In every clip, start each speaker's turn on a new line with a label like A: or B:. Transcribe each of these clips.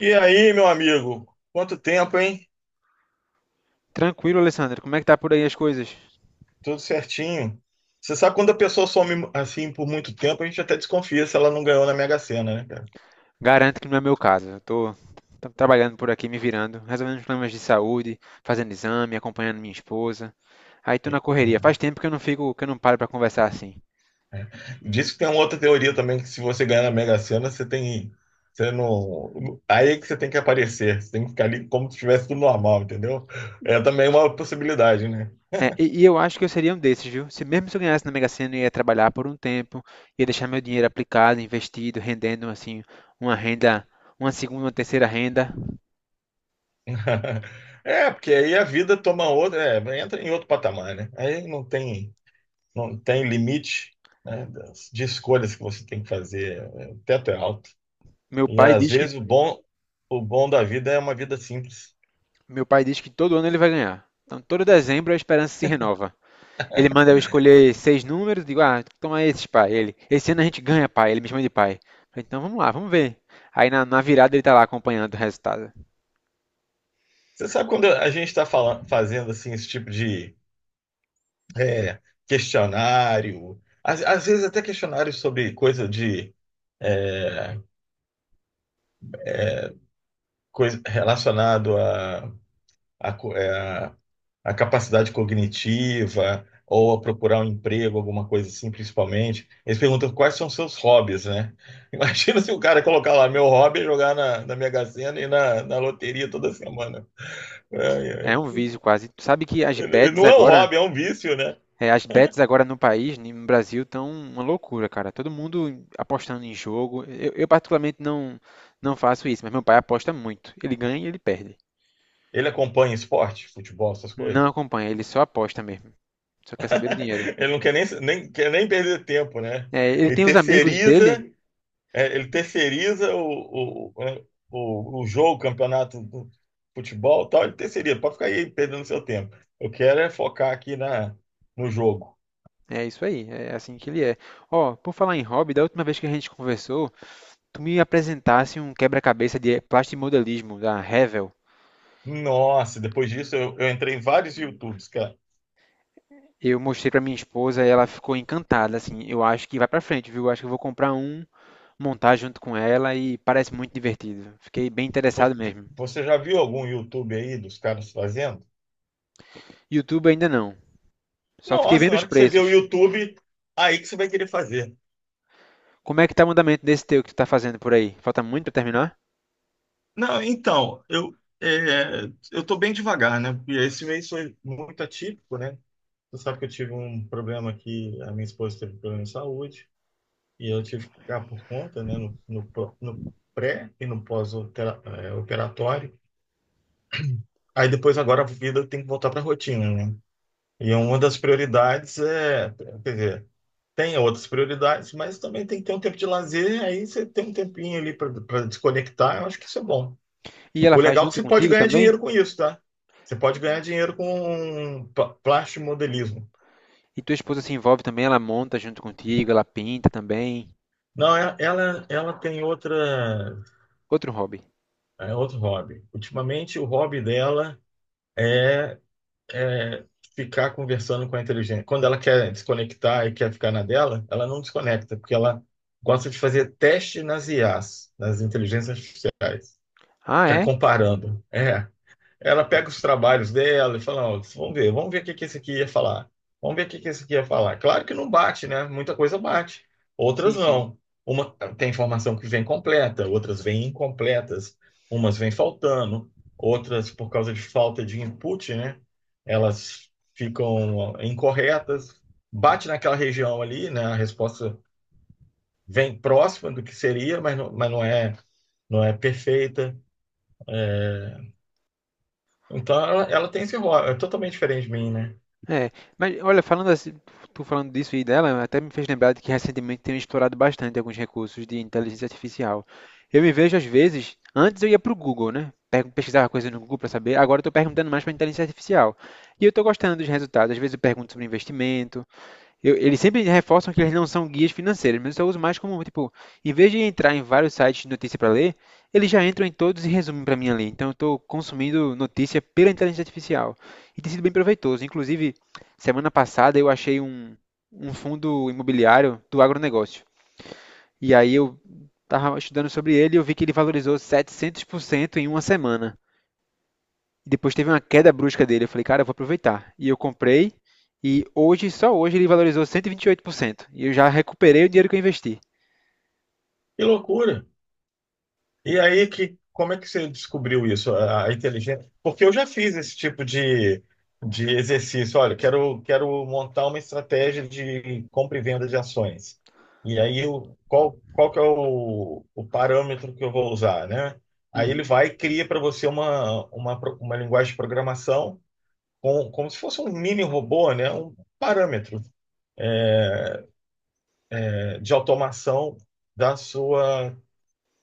A: E aí, meu amigo? Quanto tempo, hein?
B: Tranquilo, Alessandro. Como é que tá por aí as coisas?
A: Tudo certinho. Você sabe quando a pessoa some assim por muito tempo, a gente até desconfia se ela não ganhou na Mega Sena, né, cara?
B: Garanto que não é meu caso. Eu tô trabalhando por aqui, me virando, resolvendo os problemas de saúde, fazendo exame, acompanhando minha esposa. Aí tô
A: É.
B: na correria. Faz tempo que eu não fico, que eu não paro pra conversar assim.
A: Diz que tem uma outra teoria também, que se você ganhar na Mega Sena, você tem. Você não. Aí é que você tem que aparecer. Você tem que ficar ali como se estivesse tudo normal, entendeu? É também uma possibilidade, né?
B: É, e eu acho que eu seria um desses, viu? Se mesmo se eu ganhasse na Mega Sena, eu ia trabalhar por um tempo, ia deixar meu dinheiro aplicado, investido, rendendo assim uma renda, uma segunda, uma terceira renda.
A: É, porque aí a vida toma outra. Entra em outro patamar, né? Aí não tem limite, né, de escolhas que você tem que fazer. O teto é alto.
B: Meu
A: E
B: pai
A: às
B: diz que
A: vezes o bom da vida é uma vida simples.
B: meu pai diz que todo ano ele vai ganhar. Então, todo dezembro a esperança se renova. Ele manda eu escolher seis números, digo, ah, toma esses, pai. Ele, esse ano a gente ganha, pai. Ele me chama de pai. Falei, então vamos lá, vamos ver. Aí na virada ele tá lá acompanhando o resultado.
A: Você sabe quando a gente está fazendo assim esse tipo de é, questionário, às vezes até questionário sobre coisa relacionado a, a capacidade cognitiva ou a procurar um emprego, alguma coisa assim, principalmente. Eles perguntam quais são seus hobbies, né? Imagina se o cara colocar lá, meu hobby é jogar na Mega Sena e na loteria toda semana. Ai,
B: É um
A: ai.
B: vício quase. Tu sabe que as bets
A: Não é um
B: agora,
A: hobby, é um vício, né?
B: é, as bets agora no país, no Brasil, estão uma loucura, cara. Todo mundo apostando em jogo. Eu particularmente não faço isso, mas meu pai aposta muito. Ele ganha e ele perde.
A: Ele acompanha esporte, futebol, essas coisas.
B: Não acompanha, ele só aposta mesmo. Só quer saber do dinheiro.
A: Ele não quer nem, quer nem perder tempo, né?
B: É, ele
A: Ele
B: tem os amigos
A: terceiriza,
B: dele.
A: ele terceiriza o jogo, o campeonato do futebol, e tal, ele terceiriza, pode ficar aí perdendo seu tempo. Eu quero é focar aqui no jogo.
B: É isso aí, é assim que ele é. Ó, por falar em hobby, da última vez que a gente conversou, tu me apresentasse um quebra-cabeça de plastimodelismo da Revell.
A: Nossa, depois disso eu entrei em vários YouTubes, cara.
B: Eu mostrei pra minha esposa e ela ficou encantada, assim. Eu acho que vai pra frente, viu? Eu acho que eu vou comprar um, montar junto com ela e parece muito divertido. Fiquei bem
A: Vo-
B: interessado mesmo.
A: Você já viu algum YouTube aí dos caras fazendo?
B: YouTube ainda não. Só fiquei
A: Nossa,
B: vendo
A: na
B: os
A: hora que você vê o
B: preços.
A: YouTube, aí que você vai querer fazer.
B: Como é que tá o andamento desse teu que tu tá fazendo por aí? Falta muito pra terminar?
A: Não, então, é, eu tô bem devagar, né? Porque esse mês foi muito atípico, né? Você sabe que eu tive um problema que a minha esposa teve problema de saúde e eu tive que ficar por conta, né, no pré e no pós-operatório. Aí depois agora a vida tem que voltar para a rotina, né? E uma das prioridades quer dizer, tem outras prioridades, mas também tem que ter um tempo de lazer, aí você tem um tempinho ali para desconectar, eu acho que isso é bom.
B: E ela
A: O
B: faz
A: legal é que
B: junto
A: você pode
B: contigo
A: ganhar
B: também?
A: dinheiro com isso, tá? Você pode ganhar dinheiro com plástica modelismo.
B: E tua esposa se envolve também, ela monta junto contigo, ela pinta também.
A: Não, ela tem outra.
B: Outro hobby.
A: É outro hobby. Ultimamente, o hobby dela é, é ficar conversando com a inteligência. Quando ela quer desconectar e quer ficar na dela, ela não desconecta, porque ela gosta de fazer teste nas IAs, nas inteligências artificiais.
B: Ah,
A: Ficar
B: é?
A: comparando. É. Ela pega os trabalhos dela e fala, "Ó, vamos ver o que que esse aqui ia falar. Vamos ver o que que esse aqui ia falar." Claro que não bate, né? Muita coisa bate,
B: Sim,
A: outras
B: sim.
A: não. Uma tem informação que vem completa, outras vêm incompletas, umas vêm faltando, outras por causa de falta de input, né? Elas ficam incorretas. Bate naquela região ali, né? A resposta vem próxima do que seria, mas não é perfeita. É, Então ela tem esse rol, é totalmente diferente de mim, né?
B: É. Mas olha, falando assim, tu falando disso e dela, até me fez lembrar de que recentemente tenho explorado bastante alguns recursos de inteligência artificial. Eu me vejo às vezes, antes eu ia pro Google, né? Pesquisava coisas no Google para saber. Agora eu tô perguntando mais para inteligência artificial. E eu tô gostando dos resultados. Às vezes eu pergunto sobre investimento. Eles sempre reforçam que eles não são guias financeiros, mas eu só uso mais como, tipo, em vez de entrar em vários sites de notícia para ler, eles já entram em todos e resumem para mim ali. Então eu estou consumindo notícia pela inteligência artificial. E tem sido bem proveitoso. Inclusive, semana passada eu achei um fundo imobiliário do agronegócio. E aí eu estava estudando sobre ele e eu vi que ele valorizou 700% em uma semana. E depois teve uma queda brusca dele. Eu falei, cara, eu vou aproveitar. E eu comprei. E hoje, só hoje, ele valorizou 128%. E 28%. E eu já recuperei o dinheiro que eu investi.
A: Que loucura! E aí, como é que você descobriu isso, a inteligência? Porque eu já fiz esse tipo de exercício. Olha, quero montar uma estratégia de compra e venda de ações. E aí, qual que é o parâmetro que eu vou usar, né? Aí ele
B: Uhum.
A: vai e cria para você uma linguagem de programação como se fosse um mini robô, né? Um parâmetro, né, de automação da sua,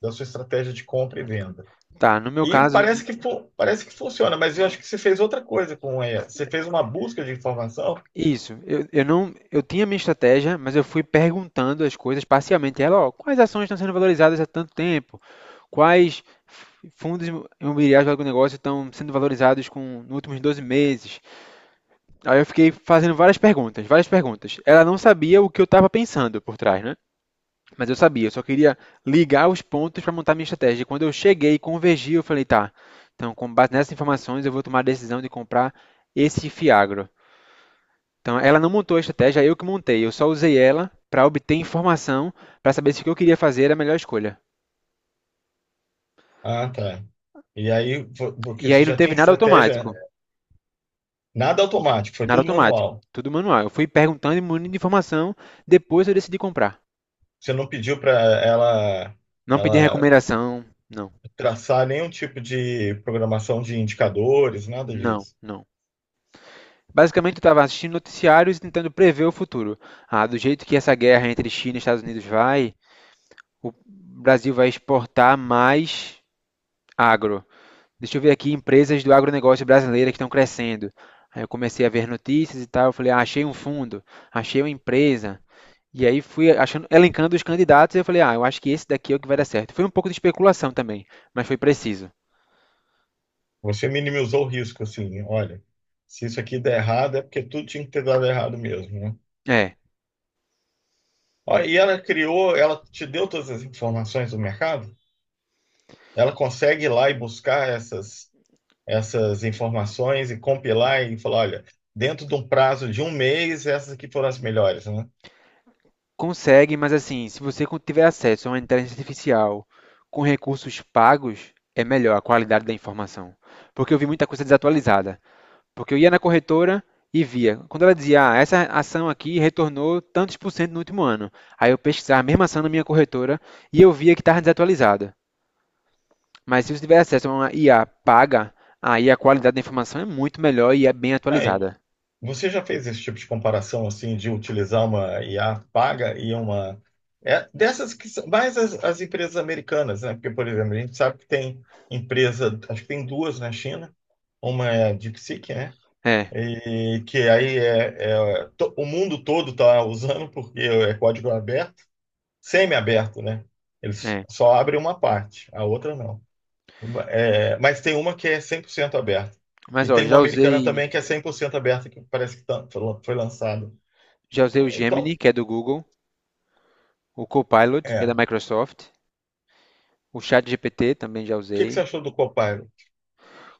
A: da sua estratégia de compra e venda.
B: Tá, no meu
A: E
B: caso,
A: parece que funciona, mas eu acho que você fez outra coisa com ela. Você fez uma busca de informação.
B: isso. Eu não, eu tinha minha estratégia, mas eu fui perguntando as coisas parcialmente. Ela, ó, quais ações estão sendo valorizadas há tanto tempo? Quais fundos imobiliários do agronegócio estão sendo valorizados com, nos últimos 12 meses? Aí eu fiquei fazendo várias perguntas, várias perguntas. Ela não sabia o que eu estava pensando por trás, né? Mas eu sabia, eu só queria ligar os pontos para montar minha estratégia. E quando eu cheguei e convergi, eu falei, tá, então com base nessas informações eu vou tomar a decisão de comprar esse Fiagro. Então ela não montou a estratégia, eu que montei. Eu só usei ela para obter informação para saber se o que eu queria fazer era a melhor escolha.
A: Ah, tá. E aí, porque
B: E
A: você
B: aí não
A: já tinha
B: teve nada
A: estratégia,
B: automático,
A: nada automático, foi
B: nada
A: tudo
B: automático,
A: manual.
B: tudo manual. Eu fui perguntando e munindo de informação, depois eu decidi comprar.
A: Você não pediu para ela,
B: Não pedi
A: ela
B: recomendação, não,
A: traçar nenhum tipo de programação de indicadores, nada
B: não,
A: disso.
B: não. Basicamente, eu estava assistindo noticiários e tentando prever o futuro. Ah, do jeito que essa guerra entre China e Estados Unidos vai, o Brasil vai exportar mais agro. Deixa eu ver aqui empresas do agronegócio brasileira que estão crescendo. Aí eu comecei a ver notícias e tal. Eu falei, ah, achei um fundo, achei uma empresa. E aí fui achando, elencando os candidatos e eu falei, ah, eu acho que esse daqui é o que vai dar certo. Foi um pouco de especulação também, mas foi preciso.
A: Você minimizou o risco, assim, olha, se isso aqui der errado, é porque tudo tinha que ter dado errado mesmo, né?
B: É.
A: Ó, e ela criou, ela te deu todas as informações do mercado? Ela consegue ir lá e buscar essas informações e compilar e falar, olha, dentro de um prazo de um mês, essas aqui foram as melhores, né?
B: Consegue, mas assim, se você tiver acesso a uma inteligência artificial com recursos pagos, é melhor a qualidade da informação. Porque eu vi muita coisa desatualizada. Porque eu ia na corretora e via. Quando ela dizia, ah, essa ação aqui retornou tantos por cento no último ano. Aí eu pesquisava a mesma ação na minha corretora e eu via que estava desatualizada. Mas se você tiver acesso a uma IA paga, aí a qualidade da informação é muito melhor e é bem
A: Aí,
B: atualizada.
A: você já fez esse tipo de comparação assim de utilizar uma IA paga e uma, dessas que são mais as empresas americanas, né? Porque, por exemplo, a gente sabe que tem empresa, acho que tem duas na China, uma é a DeepSeek, né?
B: É,
A: E que aí o mundo todo está usando porque é código aberto. Semi-aberto, né? Eles
B: é.
A: só abrem uma parte, a outra não. É, mas tem uma que é 100% aberta.
B: Mas
A: E
B: ó,
A: tem uma americana também que é 100% aberta, que parece que foi lançada.
B: já usei o Gemini,
A: Então,
B: que é do Google, o Copilot, que
A: é.
B: é da
A: O
B: Microsoft, o ChatGPT também já
A: que que
B: usei.
A: você achou do Copilot?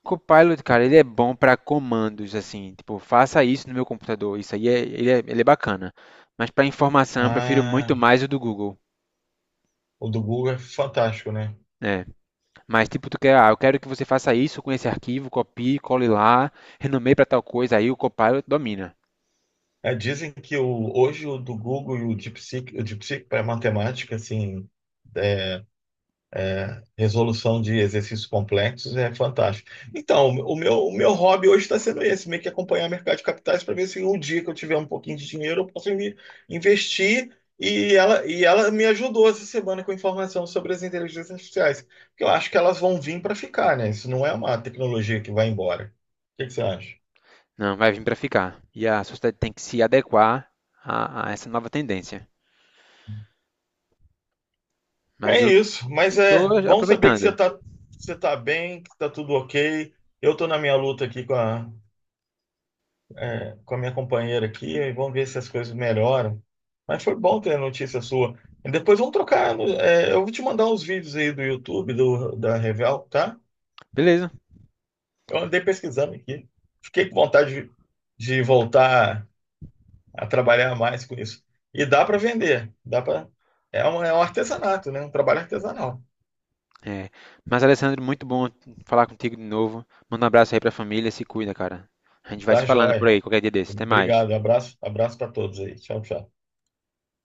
B: Copilot, cara, ele é bom para comandos, assim, tipo, faça isso no meu computador. Isso aí é, ele é, ele é bacana. Mas para informação, eu prefiro muito
A: Ah,
B: mais o do Google.
A: o do Google é fantástico, né?
B: Né? Mas tipo, tu quer, ah, eu quero que você faça isso com esse arquivo, copie, cole lá, renomeie para tal coisa, aí o Copilot domina.
A: É, dizem que hoje o do Google e o DeepSeek, para matemática, assim, é, resolução de exercícios complexos é fantástico. Então, o meu hobby hoje está sendo esse, meio que acompanhar o mercado de capitais para ver se um dia que eu tiver um pouquinho de dinheiro eu posso me investir. E ela me ajudou essa semana com informação sobre as inteligências artificiais, porque eu acho que elas vão vir para ficar, né? Isso não é uma tecnologia que vai embora. O que que você acha?
B: Não, vai vir para ficar. E a sociedade tem que se adequar a essa nova tendência. Mas
A: É
B: eu
A: isso, mas é
B: estou
A: bom saber que você
B: aproveitando.
A: está você tá bem, que está tudo ok. Eu estou na minha luta aqui com a minha companheira aqui e vamos ver se as coisas melhoram. Mas foi bom ter a notícia sua. E depois vamos trocar. Eu vou te mandar uns vídeos aí do YouTube, da Revel, tá?
B: Beleza.
A: Eu andei pesquisando aqui. Fiquei com vontade de voltar a trabalhar mais com isso. E dá para vender, dá para. É um artesanato, né? Um trabalho artesanal.
B: É. Mas, Alessandro, muito bom falar contigo de novo. Manda um abraço aí pra família, se cuida, cara. A gente vai
A: Tá,
B: se falando por
A: joia.
B: aí, qualquer dia desse. Até mais.
A: Obrigado. Abraço, abraço para todos aí. Tchau, tchau.